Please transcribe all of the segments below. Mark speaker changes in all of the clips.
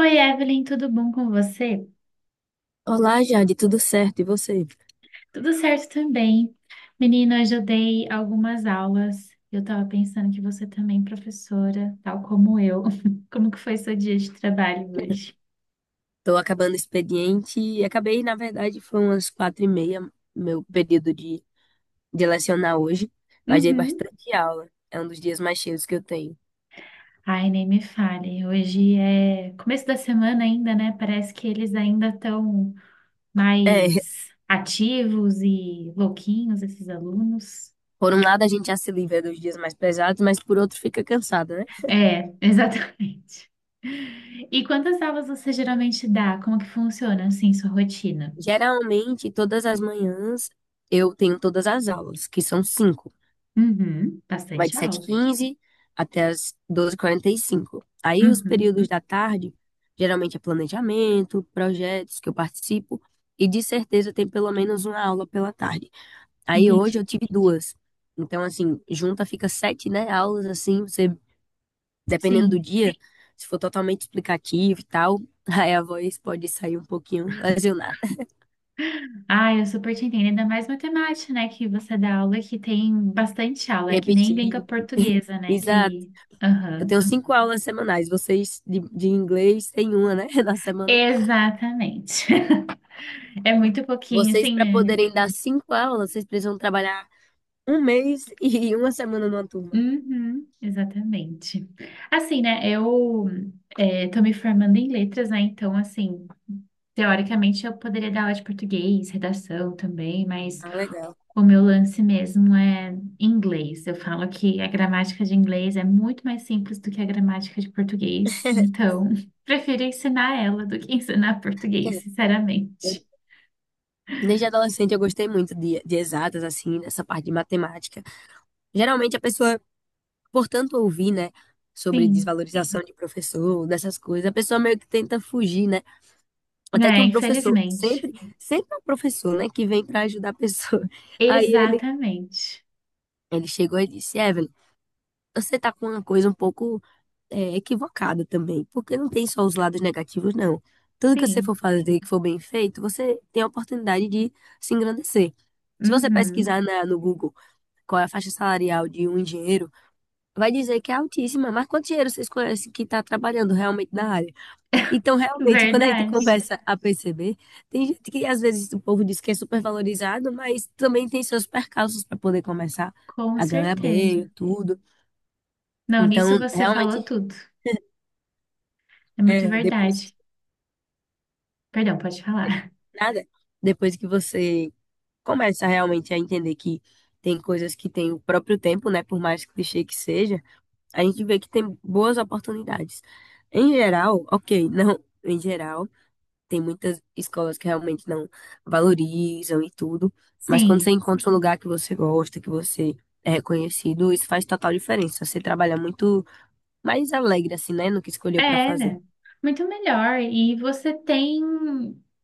Speaker 1: Oi, Evelyn, tudo bom com você?
Speaker 2: Olá, Jade, tudo certo? E você?
Speaker 1: Tudo certo também. Menina, hoje eu dei algumas aulas. Eu tava pensando que você também é professora, tal como eu. Como que foi seu dia de trabalho hoje?
Speaker 2: Estou acabando o expediente e acabei, na verdade, foi umas 4h30, meu período de lecionar hoje, mas dei
Speaker 1: Uhum.
Speaker 2: bastante aula. É um dos dias mais cheios que eu tenho.
Speaker 1: Ai, nem me fale. Hoje é começo da semana ainda, né? Parece que eles ainda estão
Speaker 2: É,
Speaker 1: mais ativos e louquinhos, esses alunos.
Speaker 2: por um lado a gente já se livra dos dias mais pesados, mas por outro fica cansado, né?
Speaker 1: É, exatamente. E quantas aulas você geralmente dá? Como que funciona, assim, sua rotina?
Speaker 2: Geralmente, todas as manhãs eu tenho todas as aulas, que são cinco.
Speaker 1: Uhum,
Speaker 2: Vai de
Speaker 1: bastante
Speaker 2: sete h
Speaker 1: aula.
Speaker 2: 15 até as 12h45. Aí os
Speaker 1: Uhum,
Speaker 2: períodos da tarde, geralmente é planejamento, projetos que eu participo, e de certeza tem pelo menos uma aula pela tarde. Aí hoje eu
Speaker 1: entendi.
Speaker 2: tive duas. Então, assim, junta fica sete, né, aulas, assim, você, dependendo do
Speaker 1: Sim.
Speaker 2: dia, se for totalmente explicativo e tal, aí a voz pode sair um pouquinho lesionada.
Speaker 1: Ah, eu super te entendo. Ainda mais matemática, né? Que você dá aula que tem bastante aula, é que nem língua
Speaker 2: Repetir.
Speaker 1: portuguesa, né?
Speaker 2: Exato.
Speaker 1: Que.
Speaker 2: Eu tenho
Speaker 1: Aham.
Speaker 2: cinco aulas semanais. Vocês de inglês têm uma, né, na semana.
Speaker 1: Exatamente. É muito pouquinho,
Speaker 2: Vocês,
Speaker 1: assim,
Speaker 2: para
Speaker 1: né?
Speaker 2: poderem dar cinco aulas, vocês precisam trabalhar um mês e uma semana numa turma.
Speaker 1: Uhum, exatamente. Assim, né? Eu tô me formando em letras, né? Então, assim. Teoricamente, eu poderia dar aula de português, redação também, mas
Speaker 2: Ah, legal.
Speaker 1: o meu lance mesmo é inglês. Eu falo que a gramática de inglês é muito mais simples do que a gramática de português, então prefiro ensinar ela do que ensinar português,
Speaker 2: Eu-
Speaker 1: sinceramente.
Speaker 2: Desde adolescente eu gostei muito de exatas, assim, nessa parte de matemática. Geralmente a pessoa, por tanto ouvir, né, sobre
Speaker 1: Sim,
Speaker 2: desvalorização de professor, dessas coisas, a pessoa meio que tenta fugir, né? Até que
Speaker 1: é,
Speaker 2: um professor,
Speaker 1: infelizmente.
Speaker 2: sempre, sempre é um professor, né, que vem para ajudar a pessoa. Aí ele,
Speaker 1: Exatamente.
Speaker 2: ele chegou e disse, Evelyn, você tá com uma coisa um pouco equivocada também, porque não tem só os lados negativos, não. Tudo que você for
Speaker 1: Sim.
Speaker 2: fazer que for bem feito, você tem a oportunidade de se engrandecer. Se você
Speaker 1: Uhum.
Speaker 2: pesquisar no Google qual é a faixa salarial de um engenheiro, vai dizer que é altíssima, mas quantos engenheiros vocês conhecem que está trabalhando realmente na área? Então, realmente, quando a gente
Speaker 1: Verdade.
Speaker 2: começa a perceber, tem gente que às vezes o povo diz que é supervalorizado, mas também tem seus percalços para poder começar
Speaker 1: Com
Speaker 2: a ganhar bem e
Speaker 1: certeza.
Speaker 2: tudo.
Speaker 1: Não, nisso
Speaker 2: Então,
Speaker 1: você falou
Speaker 2: realmente,
Speaker 1: tudo. É muito
Speaker 2: depois.
Speaker 1: verdade. Perdão, pode falar.
Speaker 2: Nada. Depois que você começa realmente a entender que tem coisas que têm o próprio tempo, né? Por mais clichê que seja, a gente vê que tem boas oportunidades. Em geral, ok, não, em geral, tem muitas escolas que realmente não valorizam e tudo, mas quando você
Speaker 1: Sim.
Speaker 2: encontra um lugar que você gosta, que você é reconhecido, isso faz total diferença. Você trabalha muito mais alegre, assim, né? No que escolheu para fazer.
Speaker 1: É, muito melhor. E você tem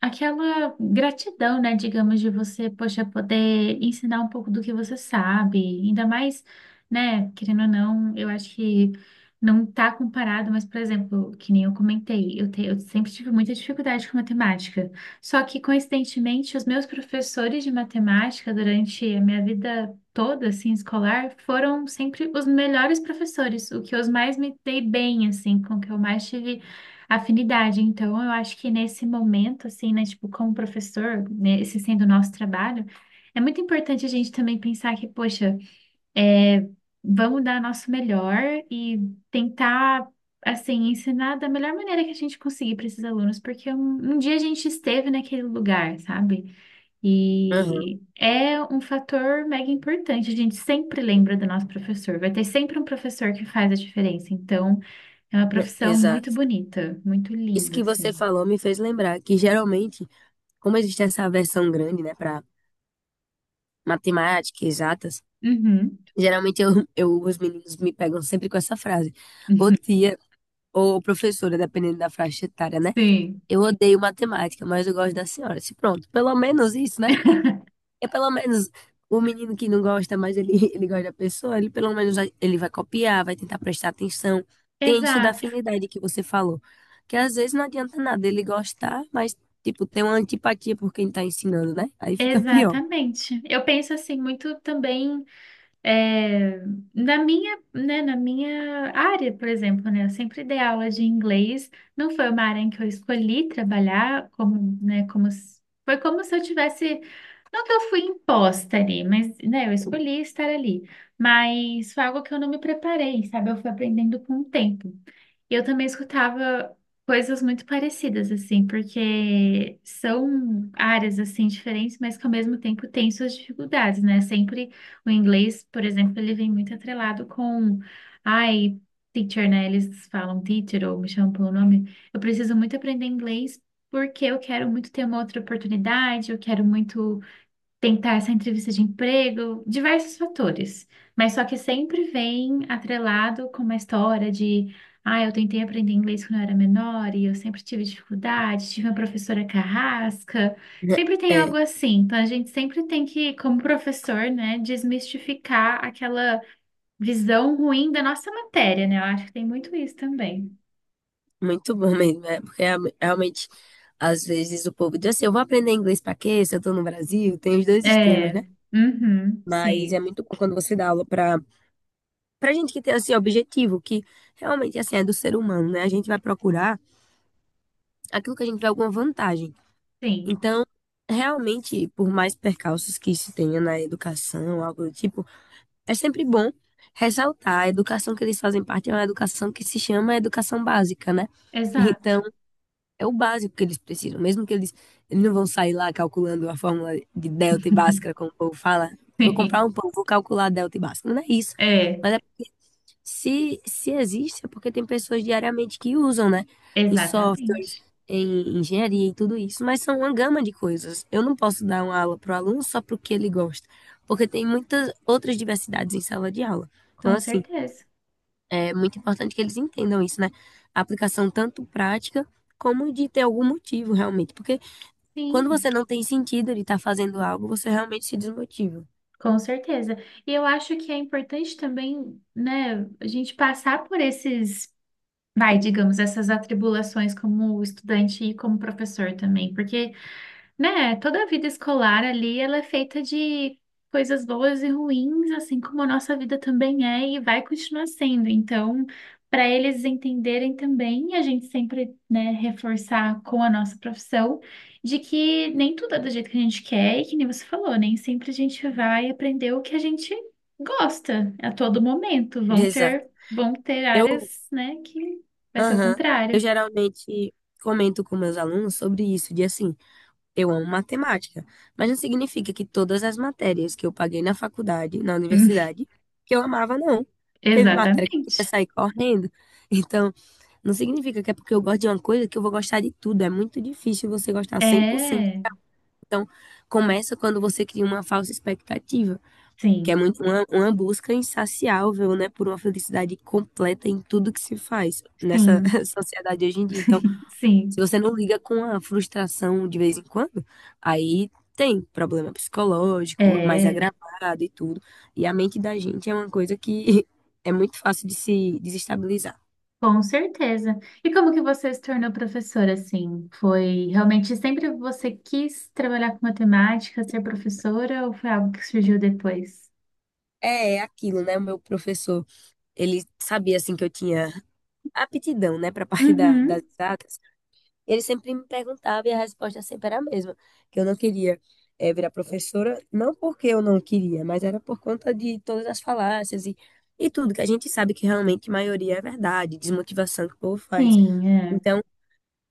Speaker 1: aquela gratidão, né, digamos, de você, poxa, poder ensinar um pouco do que você sabe. Ainda mais, né, querendo ou não, eu acho que não tá comparado, mas, por exemplo, que nem eu comentei, eu sempre tive muita dificuldade com matemática. Só que, coincidentemente, os meus professores de matemática durante a minha vida toda, assim, escolar, foram sempre os melhores professores, o que eu mais me dei bem, assim, com o que eu mais tive afinidade. Então, eu acho que nesse momento, assim, né, tipo, como professor, né, esse sendo o nosso trabalho, é muito importante a gente também pensar que, poxa, é, vamos dar nosso melhor e tentar. Assim, ensinar da melhor maneira que a gente conseguir para esses alunos, porque um dia a gente esteve naquele lugar, sabe?
Speaker 2: Aham,
Speaker 1: E é um fator mega importante. A gente sempre lembra do nosso professor. Vai ter sempre um professor que faz a diferença. Então, é uma profissão muito
Speaker 2: exato.
Speaker 1: bonita, muito
Speaker 2: Isso
Speaker 1: linda,
Speaker 2: que você
Speaker 1: assim.
Speaker 2: falou me fez lembrar que geralmente como existe essa aversão grande, né, para matemática, exatas,
Speaker 1: Uhum.
Speaker 2: geralmente eu, os meninos me pegam sempre com essa frase. Ô tia, ou professora, dependendo da faixa etária, né?
Speaker 1: Sim.
Speaker 2: Eu odeio matemática, mas eu gosto da senhora. Se pronto, pelo menos isso, né? É pelo menos o menino que não gosta, mas ele, ele gosta da pessoa, ele pelo menos ele vai copiar, vai tentar prestar atenção. Tem isso da
Speaker 1: Exato,
Speaker 2: afinidade que você falou, que às vezes não adianta nada ele gostar, mas tipo, tem uma antipatia por quem tá ensinando, né? Aí fica pior.
Speaker 1: exatamente. Eu penso assim muito também. É, na minha, né, na minha área, por exemplo, né, eu sempre dei aula de inglês, não foi uma área em que eu escolhi trabalhar, como, né, como, se- foi como se eu tivesse, não que eu fui imposta ali, mas, né, eu escolhi estar ali, mas foi algo que eu não me preparei, sabe, eu fui aprendendo com o tempo. E eu também escutava coisas muito parecidas, assim, porque são áreas, assim, diferentes, mas que ao mesmo tempo têm suas dificuldades, né? Sempre o inglês, por exemplo, ele vem muito atrelado com, ai, teacher, né? Eles falam teacher ou me chamam pelo nome. Eu preciso muito aprender inglês porque eu quero muito ter uma outra oportunidade, eu quero muito tentar essa entrevista de emprego, diversos fatores, mas só que sempre vem atrelado com uma história de, ah, eu tentei aprender inglês quando eu era menor e eu sempre tive dificuldade, tive uma professora carrasca, sempre tem algo
Speaker 2: É,
Speaker 1: assim, então a gente sempre tem que, como professor, né, desmistificar aquela visão ruim da nossa matéria, né? Eu acho que tem muito isso também.
Speaker 2: muito bom mesmo, é, porque realmente, às vezes o povo diz assim, eu vou aprender inglês pra quê? Se eu tô no Brasil, tem os dois extremos,
Speaker 1: É,
Speaker 2: né?
Speaker 1: uhum,
Speaker 2: Mas é
Speaker 1: sim,
Speaker 2: muito bom quando você dá aula pra gente que tem, assim, objetivo, que realmente, assim, é do ser humano, né? A gente vai procurar aquilo que a gente vê alguma vantagem.
Speaker 1: sim,
Speaker 2: Então, realmente, por mais percalços que se tenha na educação, algo do tipo, é sempre bom ressaltar, a educação que eles fazem parte é uma educação que se chama educação básica, né?
Speaker 1: exato,
Speaker 2: Então, é o básico que eles precisam. Mesmo que eles não vão sair lá calculando a fórmula de delta e bhaskara, como o povo fala. Vou comprar
Speaker 1: sim,
Speaker 2: um pão, vou calcular delta e bhaskara. Não é isso.
Speaker 1: é,
Speaker 2: Mas é porque se existe, é porque tem pessoas diariamente que usam, né? Em softwares,
Speaker 1: exatamente.
Speaker 2: em engenharia e tudo isso. Mas são uma gama de coisas. Eu não posso dar uma aula para o aluno só porque ele gosta. Porque tem muitas outras diversidades em sala de aula. Então,
Speaker 1: Com
Speaker 2: assim,
Speaker 1: certeza.
Speaker 2: é muito importante que eles entendam isso, né? A aplicação tanto prática como de ter algum motivo realmente. Porque quando
Speaker 1: Sim,
Speaker 2: você não tem sentido de estar fazendo algo, você realmente se desmotiva.
Speaker 1: com certeza. E eu acho que é importante também, né, a gente passar por esses, vai, digamos, essas atribulações como estudante e como professor também, porque. Né? Toda a vida escolar ali, ela é feita de coisas boas e ruins, assim como a nossa vida também é e vai continuar sendo. Então, para eles entenderem também, a gente sempre, né, reforçar com a nossa profissão de que nem tudo é do jeito que a gente quer e que nem você falou, nem sempre a gente vai aprender o que a gente gosta a todo momento. Vão
Speaker 2: Exato.
Speaker 1: ter, vão ter
Speaker 2: Eu,
Speaker 1: áreas, né, que vai ser o
Speaker 2: aham, eu
Speaker 1: contrário.
Speaker 2: geralmente comento com meus alunos sobre isso, de assim, eu amo matemática, mas não significa que todas as matérias que eu paguei na faculdade, na universidade, que eu amava, não. Teve matéria que eu queria
Speaker 1: Exatamente.
Speaker 2: sair correndo. Então, não significa que é porque eu gosto de uma coisa que eu vou gostar de tudo. É muito difícil você gostar 100%.
Speaker 1: É,
Speaker 2: Então, começa quando você cria uma falsa expectativa, que é
Speaker 1: sim.
Speaker 2: muito uma busca insaciável, né, por uma felicidade completa em tudo que se faz nessa
Speaker 1: Sim,
Speaker 2: sociedade hoje em dia. Então, se
Speaker 1: sim.
Speaker 2: você não liga com a frustração de vez em quando, aí tem problema psicológico, mais
Speaker 1: É,
Speaker 2: agravado e tudo. E a mente da gente é uma coisa que é muito fácil de se desestabilizar.
Speaker 1: com certeza. E como que você se tornou professora, assim? Foi realmente sempre você quis trabalhar com matemática, ser professora, ou foi algo que surgiu depois?
Speaker 2: É, é aquilo, né? O meu professor ele sabia, assim, que eu tinha aptidão, né, para a parte das
Speaker 1: Uhum,
Speaker 2: exatas. Ele sempre me perguntava e a resposta sempre era a mesma, que eu não queria virar professora, não porque eu não queria, mas era por conta de todas as falácias e tudo, que a gente sabe que realmente a maioria é verdade, desmotivação que o povo faz.
Speaker 1: sim, é,
Speaker 2: Então,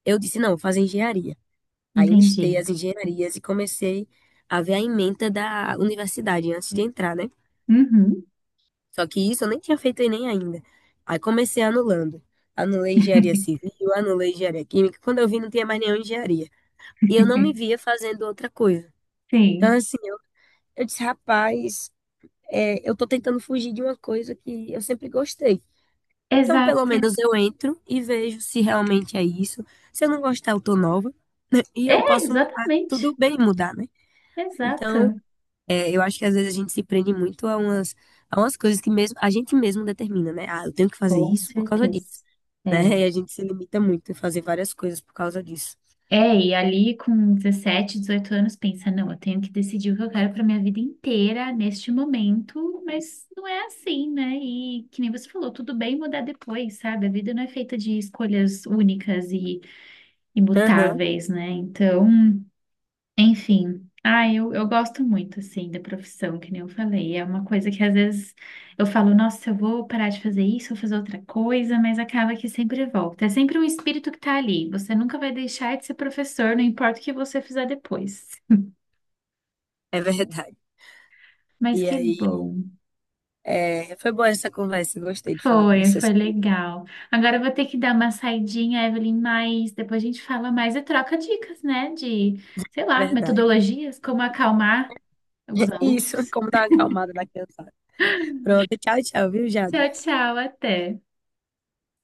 Speaker 2: eu disse, não, vou fazer engenharia. Aí eu listei
Speaker 1: entendi.
Speaker 2: as engenharias e comecei a ver a ementa da universidade antes de entrar, né?
Speaker 1: Uhum,
Speaker 2: Só que isso eu nem tinha feito Enem ainda. Aí comecei anulando. Anulei engenharia civil, anulei engenharia química. Quando eu vi, não tinha mais nenhuma engenharia. E eu não me via fazendo outra coisa. Então,
Speaker 1: sim,
Speaker 2: assim, eu disse, rapaz, eu tô tentando fugir de uma coisa que eu sempre gostei. Então, pelo
Speaker 1: exato.
Speaker 2: menos eu entro e vejo se realmente é isso. Se eu não gostar, eu tô nova, né? E eu
Speaker 1: É,
Speaker 2: posso mudar. Tudo
Speaker 1: exatamente,
Speaker 2: bem mudar, né? Então,
Speaker 1: exato.
Speaker 2: eu acho que às vezes a gente se prende muito a umas coisas que mesmo a gente mesmo determina, né? Ah, eu tenho que fazer
Speaker 1: Com
Speaker 2: isso por causa disso,
Speaker 1: certeza.
Speaker 2: né?
Speaker 1: É.
Speaker 2: E a gente se limita muito a fazer várias coisas por causa disso.
Speaker 1: É, e ali com 17, 18 anos, pensa, não, eu tenho que decidir o que eu quero para minha vida inteira neste momento, mas não é assim, né? E que nem você falou, tudo bem mudar depois, sabe? A vida não é feita de escolhas únicas e
Speaker 2: Aham,
Speaker 1: imutáveis, né? Então, enfim, ah, eu gosto muito, assim, da profissão, que nem eu falei. É uma coisa que às vezes eu falo, nossa, eu vou parar de fazer isso, vou fazer outra coisa, mas acaba que sempre volta. É sempre um espírito que tá ali. Você nunca vai deixar de ser professor, não importa o que você fizer depois.
Speaker 2: é verdade.
Speaker 1: Mas
Speaker 2: E
Speaker 1: que
Speaker 2: aí,
Speaker 1: bom.
Speaker 2: foi boa essa conversa, eu gostei de falar com
Speaker 1: Foi,
Speaker 2: você
Speaker 1: foi
Speaker 2: sobre
Speaker 1: legal. Agora eu vou ter que dar uma saidinha, Evelyn, mas depois a gente fala mais e troca dicas, né? De, sei lá,
Speaker 2: verdade.
Speaker 1: metodologias, como acalmar os
Speaker 2: Isso,
Speaker 1: alunos.
Speaker 2: como dar uma acalmada na criançada. Pronto, tchau, tchau, viu, Jade?
Speaker 1: Tchau, tchau, até.